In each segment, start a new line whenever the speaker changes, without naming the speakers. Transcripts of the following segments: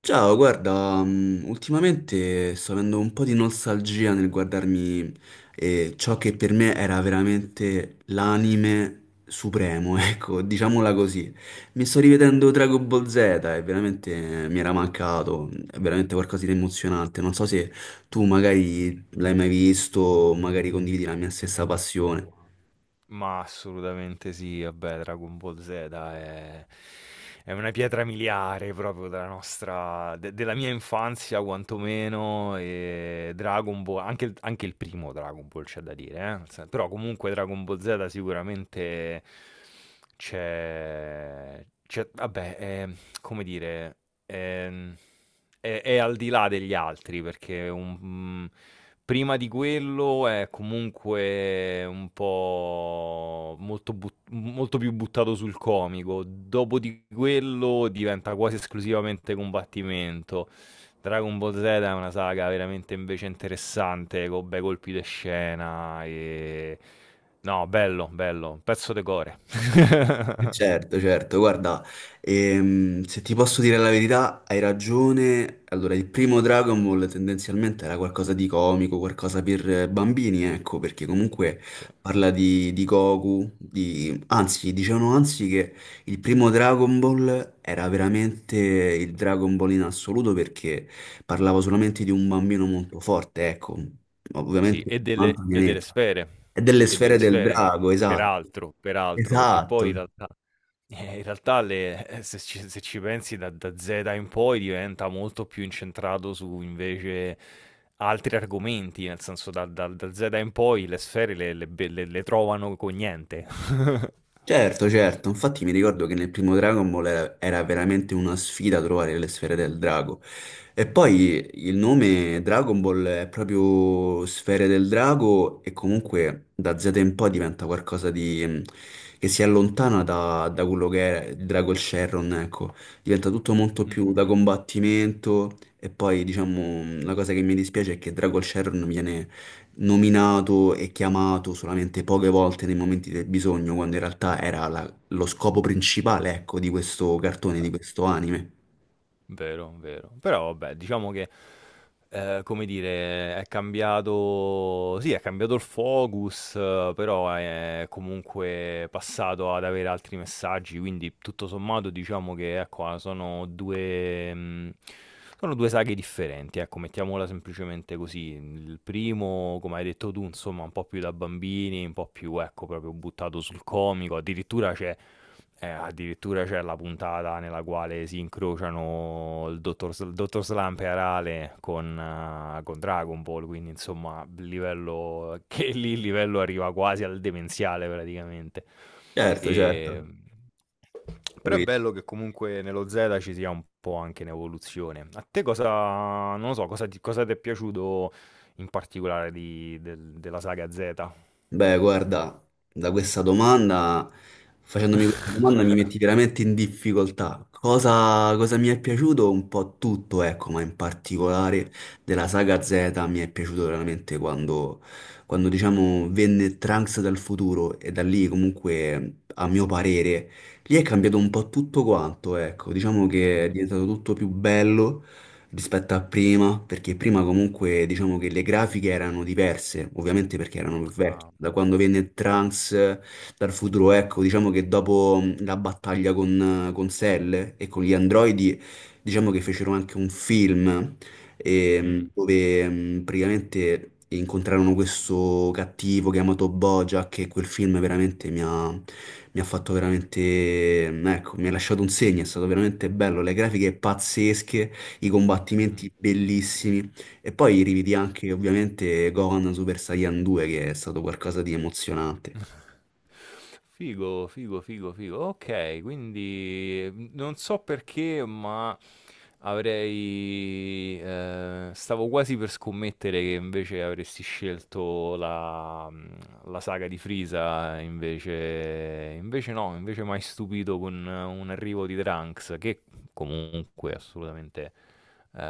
Ciao, guarda, ultimamente sto avendo un po' di nostalgia nel guardarmi ciò che per me era veramente l'anime supremo, ecco, diciamola così. Mi sto rivedendo Dragon Ball Z e veramente mi era mancato, è veramente qualcosa di emozionante. Non so se tu magari l'hai mai visto, magari condividi la mia stessa passione.
Ma assolutamente sì, vabbè, Dragon Ball Z è una pietra miliare proprio della nostra, della mia infanzia quantomeno, e Dragon Ball, anche il primo Dragon Ball c'è da dire, eh? Però comunque Dragon Ball Z sicuramente c'è, c'è- vabbè, è- come dire, è è al di là degli altri perché un prima di quello è comunque un po' molto più buttato sul comico, dopo di quello diventa quasi esclusivamente combattimento. Dragon Ball Z è una saga veramente invece interessante, con bei colpi de scena e no, bello, bello, pezzo de core.
Certo, certo, guarda, se ti posso dire la verità, hai ragione. Allora, il primo Dragon Ball tendenzialmente era qualcosa di comico, qualcosa per bambini, ecco, perché comunque
Sì.
parla di Goku, di... anzi, dicevano anzi che il primo Dragon Ball era veramente il Dragon Ball in assoluto perché parlava solamente di un bambino molto forte, ecco,
Sì,
ovviamente
e
di un
delle
altro
e delle
pianeta,
sfere,
e delle
e
sfere
delle
del
sfere,
drago, esatto.
peraltro, peraltro, perché poi
Esatto.
in realtà le se ci pensi da Zeta in poi diventa molto più incentrato su invece altri argomenti, nel senso da Zeta in poi le sfere le be le trovano con niente.
Certo, certo, infatti mi ricordo che nel primo Dragon Ball era veramente una sfida trovare le sfere del drago. E poi il nome Dragon Ball è proprio sfere del drago e comunque da Z in poi diventa qualcosa di... che si allontana da quello che era il Dragon Sherron, ecco. Diventa tutto molto più
Mh-mh,
da combattimento e poi diciamo la cosa che mi dispiace è che Dragon Sherron viene nominato e chiamato solamente poche volte nei momenti del bisogno, quando in realtà era lo scopo principale, ecco, di questo cartone,
beh.
di questo anime.
Vero, vero. Però vabbè, diciamo che, come dire, è cambiato sì, è cambiato il focus, però è comunque passato ad avere altri messaggi, quindi tutto sommato diciamo che, ecco, a sono 2 sono 2 saghe differenti, ecco, mettiamola semplicemente così. Il primo, come hai detto tu, insomma, un po' più da bambini, un po' più, ecco, proprio buttato sul comico, addirittura c'è la puntata nella quale si incrociano il dottor Slump e Arale con Dragon Ball, quindi insomma, livello, che lì il livello arriva quasi al demenziale praticamente.
Certo,
E...
certo,
Però è
capito.
bello che comunque nello Z ci sia un po' anche in evoluzione. A te non lo so, cosa ti è piaciuto in particolare della saga Z?
Beh, guarda, facendomi questa domanda mi metti veramente in difficoltà. Cosa, cosa mi è piaciuto? Un po' tutto, ecco, ma in
Mm,
particolare della saga Z mi è piaciuto veramente quando, quando diciamo, venne Trunks dal futuro e da lì comunque, a mio parere, lì è cambiato un po' tutto quanto, ecco, diciamo che è
mm,
diventato tutto più bello rispetto a prima, perché prima comunque diciamo che le grafiche erano diverse, ovviamente perché erano più vecchie.
ah,
Da quando venne Trunks dal futuro, ecco, diciamo che dopo la battaglia con Cell e con gli androidi, diciamo che fecero anche un film
mm.
dove praticamente incontrarono questo cattivo chiamato Bojack e quel film veramente mi ha fatto veramente, ecco, mi ha lasciato un segno, è stato veramente bello, le grafiche pazzesche, i
Mh.
combattimenti bellissimi. E poi rividi anche ovviamente Gohan Super Saiyan 2 che è stato qualcosa di emozionante.
Figo, figo, figo, figo. Okay, quindi, non so perché, ma avrei stavo quasi per scommettere che invece avresti scelto la la saga di Frieza, invece no, invece m'hai stupito con un arrivo di Trunks che comunque assolutamente. Eh,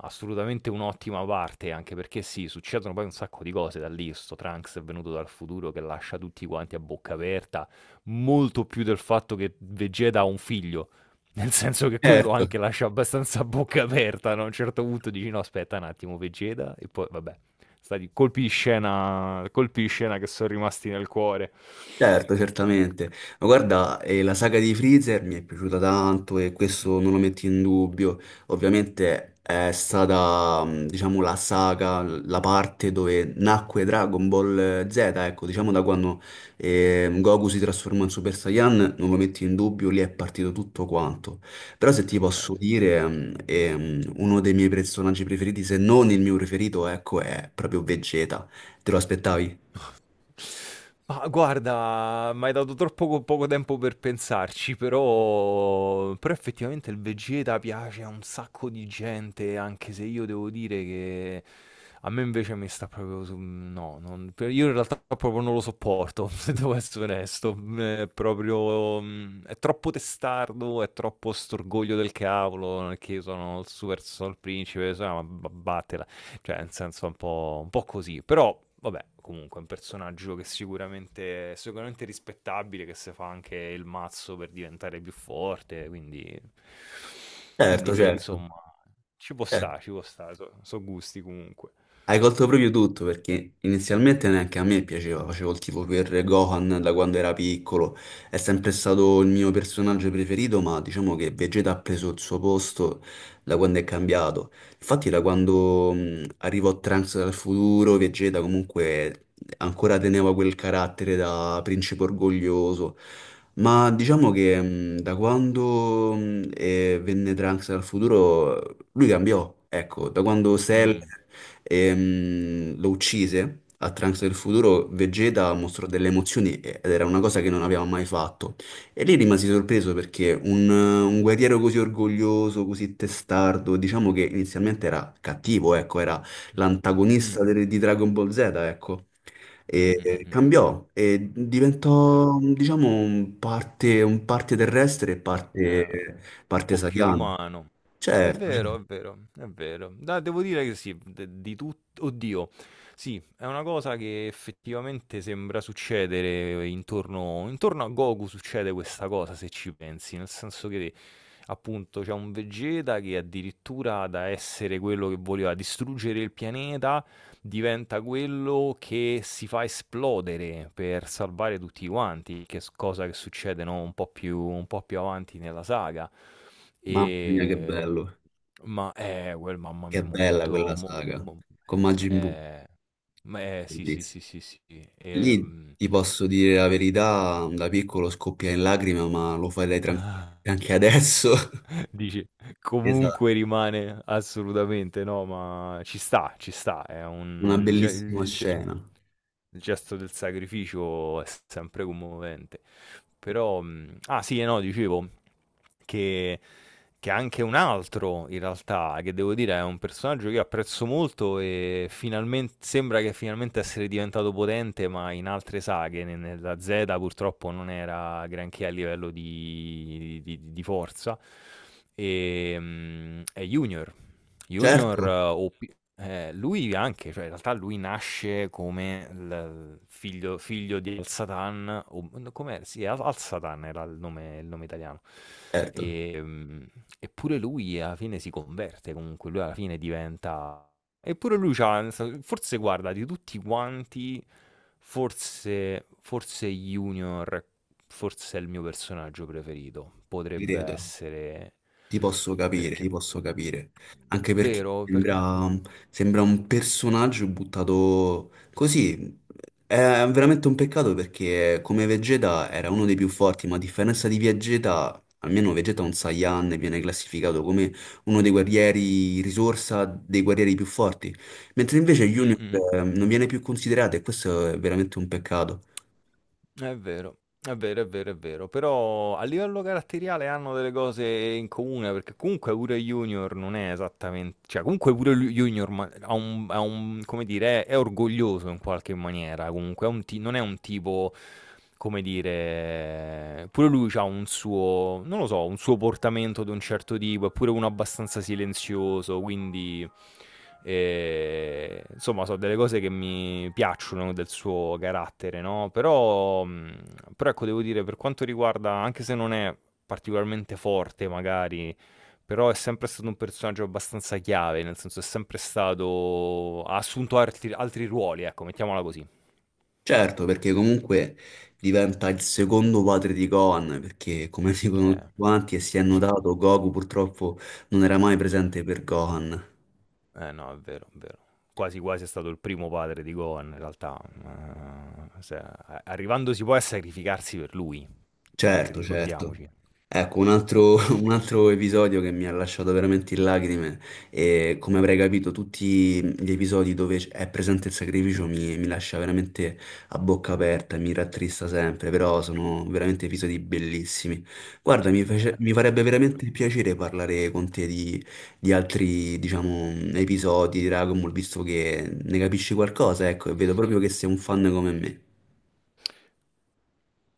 Assolutamente un'ottima parte, anche perché sì, succedono poi un sacco di cose da lì. Sto Trunks è venuto dal futuro che lascia tutti quanti a bocca aperta, molto più del fatto che Vegeta ha un figlio. Nel senso che quello
Certo.
anche lascia abbastanza a bocca aperta, no? A un certo punto dici no, aspetta un attimo, Vegeta, e poi vabbè, stati colpi di scena che sono rimasti nel cuore.
Certo, certamente. Ma guarda, la saga di Freezer mi è piaciuta tanto e questo non lo metto in dubbio. Ovviamente è stata, diciamo, la saga, la parte dove nacque Dragon Ball Z, ecco, diciamo da quando Goku si trasformò in Super Saiyan, non lo metto in dubbio, lì è partito tutto quanto. Però se ti posso
Eh,
dire, uno dei miei personaggi preferiti, se non il mio preferito, ecco, è proprio Vegeta. Te lo aspettavi?
Ma guarda, m'hai dato troppo poco tempo per pensarci, però effettivamente il Vegeta piace a un sacco di gente, anche se io devo dire che a me invece mi sta proprio su... No, io in realtà proprio non lo sopporto, se devo essere onesto. È proprio... È troppo testardo, è troppo storgoglio del cavolo, non è che io sono il super sono il principe, so, ma battela. Cioè, nel senso, è un po' così. Però, vabbè, comunque è un personaggio che sicuramente è rispettabile, che si fa anche il mazzo per diventare più forte, quindi... Quindi
Certo,
sì,
certo.
insomma, ci può stare, sono gusti comunque.
Hai colto proprio tutto perché inizialmente neanche a me piaceva, facevo il tifo per Gohan da quando era piccolo, è sempre stato il mio personaggio preferito, ma diciamo che Vegeta ha preso il suo posto da quando è cambiato. Infatti da
Mh,
quando arrivò Trunks dal futuro, Vegeta comunque ancora teneva quel carattere da principe orgoglioso, ma diciamo che da quando venne Trunks dal futuro lui cambiò, ecco, da quando
mh,
Cell...
mh,
Lo uccise. A Trunks del futuro Vegeta mostrò delle emozioni ed era una cosa che non aveva mai fatto. E lì rimasi sorpreso perché un guerriero così orgoglioso, così testardo, diciamo che inizialmente era cattivo, ecco, era
mh, mh,
l'antagonista di Dragon Ball Z, ecco.
mh,
E
mh,
e
mh, mh,
cambiò e
mh, vero.
diventò, diciamo, un parte terrestre e parte,
Un
parte
po' più
Saiyan.
umano. È
Certo,
vero,
certo.
è vero, è vero. Da Devo dire che sì, de di tut oddio, sì, è una cosa che effettivamente sembra succedere intorno a Goku, succede questa cosa se ci pensi, nel senso che appunto c'è un Vegeta che addirittura da essere quello che voleva distruggere il pianeta diventa quello che si fa esplodere per salvare tutti quanti, che cosa che succede no? Un po' più, un po' più avanti nella saga.
Mamma mia, che
E...
bello.
Ma quel mamma
Che
mia,
bella
momento...
quella saga con
eh,
Majin Buu,
eh, sì, sì, sì,
bellissima.
sì, sì.
Lì
Ehm,
ti posso dire la verità, da piccolo scoppia in lacrime, ma lo farei
ah,
tranquillamente anche adesso.
Dici,
Esatto,
comunque rimane assolutamente no, ma ci sta, ci sta. È
una
un...
bellissima scena.
Il gesto del sacrificio è sempre commovente. Però, ah sì, e no, dicevo che anche un altro in realtà, che devo dire è un personaggio che io apprezzo molto e finalmen sembra che finalmente essere diventato potente, ma in altre saghe, ne nella Z purtroppo non era granché a livello di forza, è Junior. Junior,
Certo,
o pi lui anche, cioè in realtà lui nasce come il figlio di Al-Satan, o n com'è? Sì, Al Al-Satan era il nome italiano.
certo,
Ehm, Eppure lui alla fine si converte, comunque lui alla fine diventa, eppure lui c'ha nel sen forse guarda, di tutti quanti, forse, forse Junior, forse è il mio personaggio preferito.
ti
Potrebbe
credo.
essere
Ti posso capire,
perché,
ti posso capire. Anche perché
vero?
sembra, sembra un personaggio buttato così. È veramente un peccato perché come Vegeta era uno dei più forti, ma a differenza di Vegeta, almeno Vegeta è un Saiyan e viene classificato come uno dei guerrieri risorsa, dei guerrieri più forti. Mentre invece
Mm,
Junior
mm.
non viene più considerato e questo è veramente un peccato.
È vero, è vero, è vero, è vero. Però a livello caratteriale hanno delle cose in comune, perché comunque pure Junior non è esattamente, cioè comunque Junior ha un, come dire, è orgoglioso in qualche maniera, comunque è un non è un tipo, come dire, pure lui ha un suo, non lo so, un suo portamento di un certo tipo, è pure uno abbastanza silenzioso, quindi... E, insomma, sono delle cose che mi piacciono del suo carattere, no? Però, però ecco, devo dire, per quanto riguarda, anche se non è particolarmente forte, magari, però è sempre stato un personaggio abbastanza chiave, nel senso è sempre stato, ha assunto altri, altri ruoli, ecco, mettiamola così.
Certo, perché comunque diventa il secondo padre di Gohan, perché come dicono
Eh,
tutti quanti e si è notato, Goku purtroppo non era mai presente per Gohan.
no, è vero, è vero. Quasi quasi è stato il primo padre di Gohan, in realtà. Arrivandosi poi a sacrificarsi per lui,
Certo, certo.
ricordiamoci.
Ecco, un altro, un altro episodio che mi ha lasciato veramente in lacrime e come avrei capito tutti gli episodi dove è presente il sacrificio mi, mi lascia veramente a bocca aperta, mi rattrista sempre, però sono veramente episodi bellissimi. Guarda, mi, mi
Eh.
farebbe veramente piacere parlare con te di altri, diciamo, episodi di Dragon Ball, visto che ne capisci qualcosa, ecco, e vedo proprio che sei un fan come me.